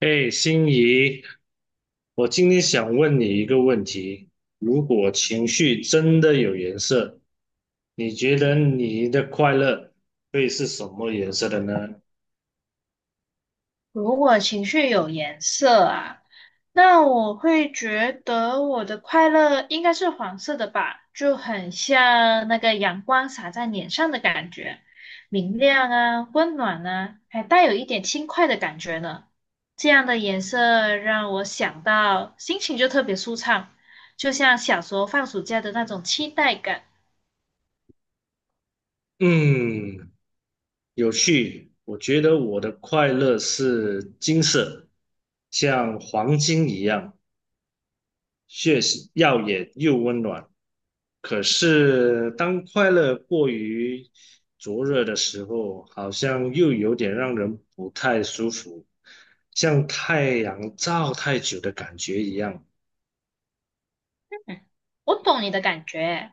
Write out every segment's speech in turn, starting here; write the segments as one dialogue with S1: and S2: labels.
S1: 哎，心仪，我今天想问你一个问题：如果情绪真的有颜色，你觉得你的快乐会是什么颜色的呢？
S2: 如果情绪有颜色啊，那我会觉得我的快乐应该是黄色的吧，就很像那个阳光洒在脸上的感觉，明亮啊，温暖啊，还带有一点轻快的感觉呢。这样的颜色让我想到心情就特别舒畅，就像小时候放暑假的那种期待感。
S1: 嗯，有趣。我觉得我的快乐是金色，像黄金一样，血耀眼又温暖。可是当快乐过于灼热的时候，好像又有点让人不太舒服，像太阳照太久的感觉一样。
S2: 嗯，我懂你的感觉。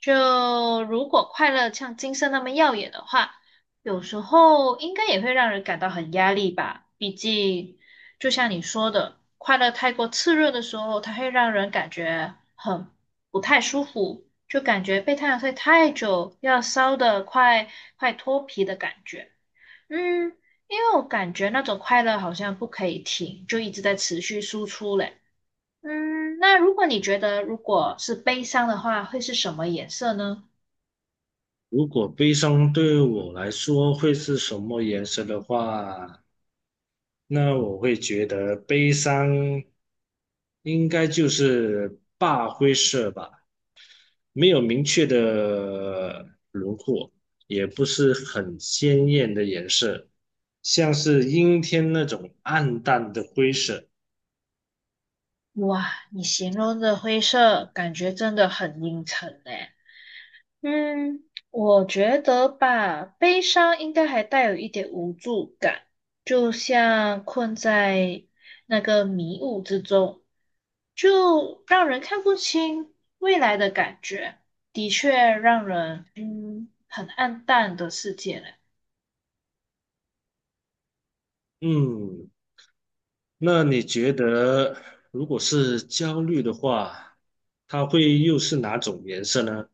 S2: 就如果快乐像金色那么耀眼的话，有时候应该也会让人感到很压力吧。毕竟，就像你说的，快乐太过炽热的时候，它会让人感觉很不太舒服，就感觉被太阳晒太久，要烧得快脱皮的感觉。嗯，因为我感觉那种快乐好像不可以停，就一直在持续输出嘞。嗯，那如果你觉得如果是悲伤的话，会是什么颜色呢？
S1: 如果悲伤对我来说会是什么颜色的话，那我会觉得悲伤应该就是大灰色吧。没有明确的轮廓，也不是很鲜艳的颜色，像是阴天那种暗淡的灰色。
S2: 哇，你形容的灰色感觉真的很阴沉诶。嗯，我觉得吧，悲伤应该还带有一点无助感，就像困在那个迷雾之中，就让人看不清未来的感觉，的确让人很暗淡的世界嘞。
S1: 嗯，那你觉得如果是焦虑的话，它会又是哪种颜色呢？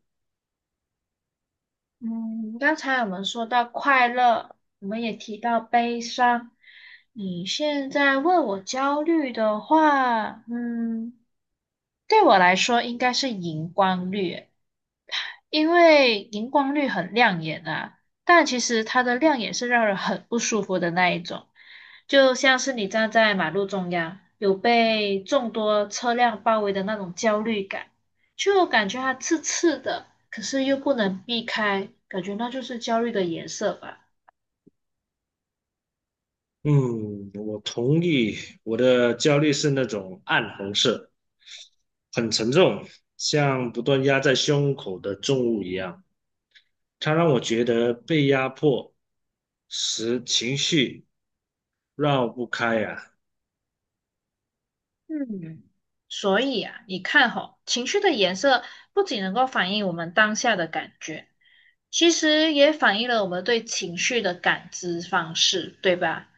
S2: 嗯，刚才我们说到快乐，我们也提到悲伤。你现在问我焦虑的话，对我来说应该是荧光绿。因为荧光绿很亮眼啊，但其实它的亮眼是让人很不舒服的那一种，就像是你站在马路中央，有被众多车辆包围的那种焦虑感，就感觉它刺刺的，可是又不能避开，感觉那就是焦虑的颜色吧。
S1: 嗯，我同意，我的焦虑是那种暗红色，很沉重，像不断压在胸口的重物一样，它让我觉得被压迫。十情绪绕不开呀、
S2: 嗯，所以啊，你看吼，情绪的颜色不仅能够反映我们当下的感觉，其实也反映了我们对情绪的感知方式，对吧？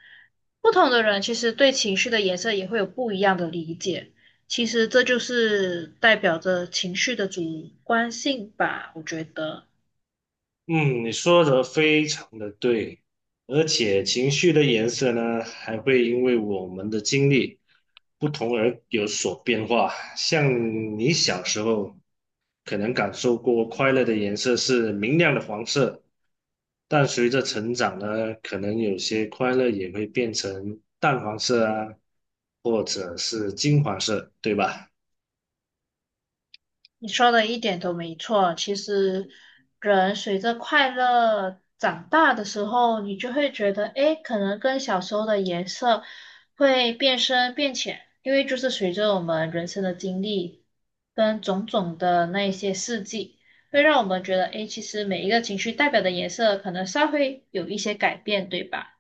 S2: 不同的人其实对情绪的颜色也会有不一样的理解，其实这就是代表着情绪的主观性吧，我觉得。
S1: 嗯，你说的非常的对，而且情绪的颜色呢，还会因为我们的经历不同而有所变化。像你小时候可能感受过快乐的颜色是明亮的黄色，但随着成长呢，可能有些快乐也会变成淡黄色啊，或者是金黄色，对吧？
S2: 你说的一点都没错。其实，人随着快乐长大的时候，你就会觉得，诶，可能跟小时候的颜色会变深变浅，因为就是随着我们人生的经历跟种种的那一些事迹，会让我们觉得，诶，其实每一个情绪代表的颜色可能稍微有一些改变，对吧？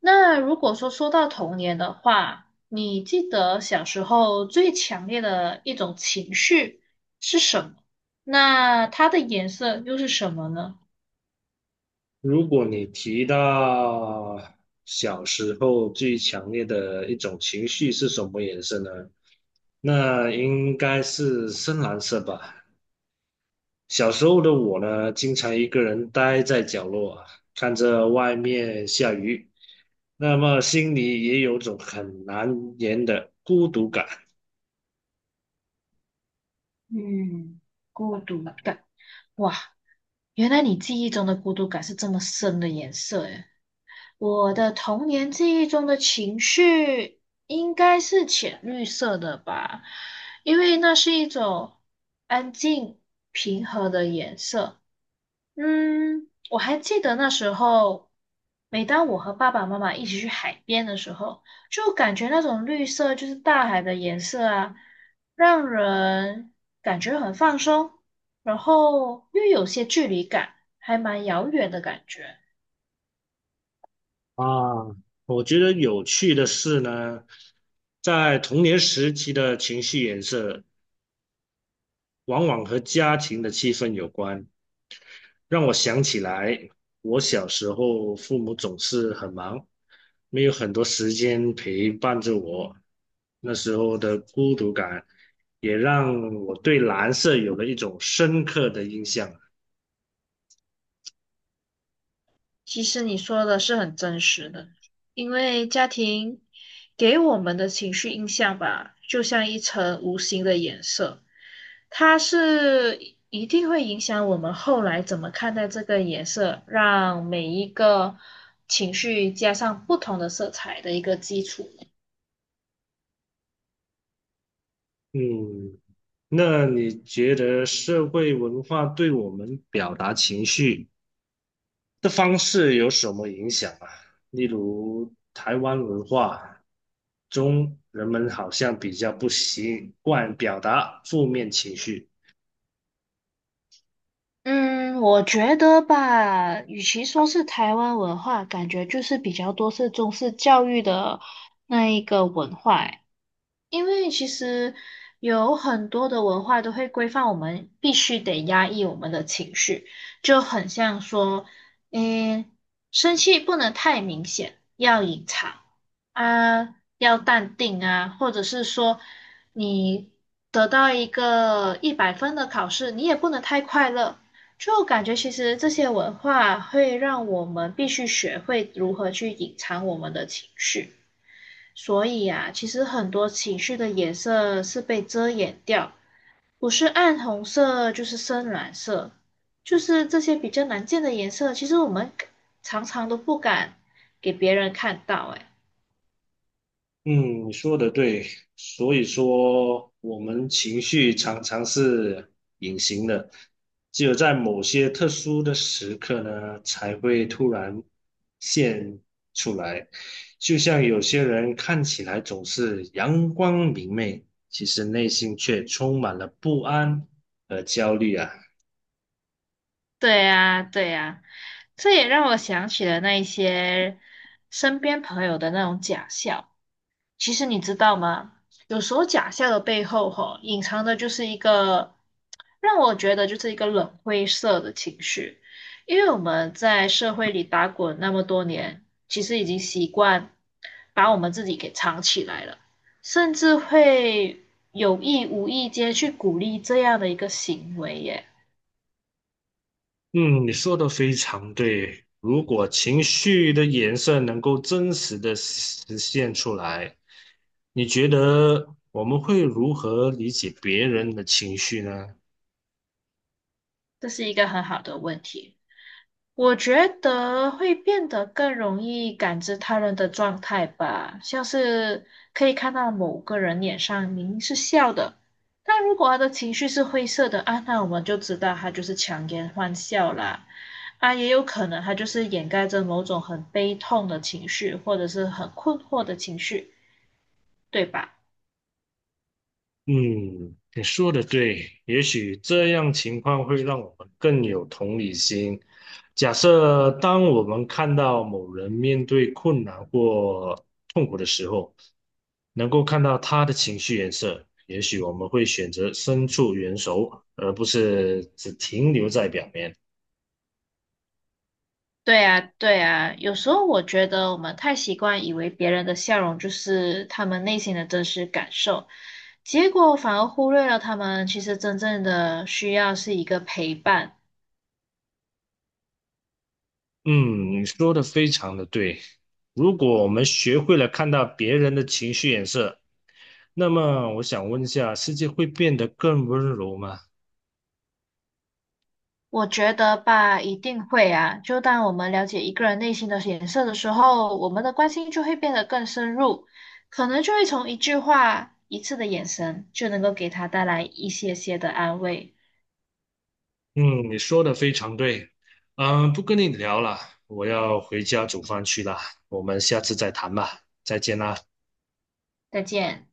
S2: 那如果说到童年的话，你记得小时候最强烈的一种情绪？是什么？那它的颜色又是什么呢？
S1: 如果你提到小时候最强烈的一种情绪是什么颜色呢？那应该是深蓝色吧。小时候的我呢，经常一个人待在角落，看着外面下雨，那么心里也有种很难言的孤独感
S2: 嗯，孤独感。哇，原来你记忆中的孤独感是这么深的颜色诶。我的童年记忆中的情绪应该是浅绿色的吧，因为那是一种安静平和的颜色。嗯，我还记得那时候，每当我和爸爸妈妈一起去海边的时候，就感觉那种绿色就是大海的颜色啊，让人感觉很放松，然后又有些距离感，还蛮遥远的感觉。
S1: 啊。我觉得有趣的是呢，在童年时期的情绪颜色往往和家庭的气氛有关，让我想起来，我小时候父母总是很忙，没有很多时间陪伴着我。那时候的孤独感，也让我对蓝色有了一种深刻的印象。
S2: 其实你说的是很真实的，因为家庭给我们的情绪印象吧，就像一层无形的颜色，它是一定会影响我们后来怎么看待这个颜色，让每一个情绪加上不同的色彩的一个基础。
S1: 嗯，那你觉得社会文化对我们表达情绪？的方式有什么影响啊？例如台湾文化中，人们好像比较不习惯表达负面情绪。
S2: 嗯，我觉得吧，与其说是台湾文化，感觉就是比较多是中式教育的那一个文化诶。因为其实有很多的文化都会规范我们必须得压抑我们的情绪，就很像说，嗯，生气不能太明显，要隐藏啊，要淡定啊，或者是说你得到一个100分的考试，你也不能太快乐。就感觉其实这些文化会让我们必须学会如何去隐藏我们的情绪。所以啊，其实很多情绪的颜色是被遮掩掉，不是暗红色就是深蓝色，就是这些比较难见的颜色，其实我们常常都不敢给别人看到，哎，
S1: 嗯，你说的对，所以说我们情绪常常是隐形的，只有在某些特殊的时刻呢，才会突然现出来。就像有些人看起来总是阳光明媚，其实内心却充满了不安和焦虑啊。
S2: 对呀，对呀，这也让我想起了那一些身边朋友的那种假笑。其实你知道吗？有时候假笑的背后，吼，隐藏的就是一个让我觉得就是一个冷灰色的情绪，因为我们在社会里打滚那么多年，其实已经习惯把我们自己给藏起来了，甚至会有意无意间去鼓励这样的一个行为耶，
S1: 嗯，你说的非常对。如果情绪的颜色能够真实的实现出来，你觉得我们会如何理解别人的情绪呢？
S2: 这是一个很好的问题。我觉得会变得更容易感知他人的状态吧，像是可以看到某个人脸上明明是笑的，但如果他的情绪是灰色的啊，那我们就知道他就是强颜欢笑啦。啊，也有可能他就是掩盖着某种很悲痛的情绪，或者是很困惑的情绪，对吧？
S1: 嗯，你说的对，也许这样情况会让我们更有同理心。假设当我们看到某人面对困难或痛苦的时候，能够看到他的情绪颜色，也许我们会选择伸出援手，而不是只停留在表面。
S2: 对啊，对啊，有时候我觉得我们太习惯以为别人的笑容就是他们内心的真实感受，结果反而忽略了他们其实真正的需要是一个陪伴。
S1: 嗯，你说的非常的对。如果我们学会了看到别人的情绪颜色，那么我想问一下，世界会变得更温柔吗？
S2: 我觉得吧，一定会啊。就当我们了解一个人内心的颜色的时候，我们的关心就会变得更深入，可能就会从一句话、一次的眼神，就能够给他带来一些些的安慰。
S1: 嗯，你说的非常对。嗯，不跟你聊了，我要回家煮饭去了。我们下次再谈吧，再见啦。
S2: 再见。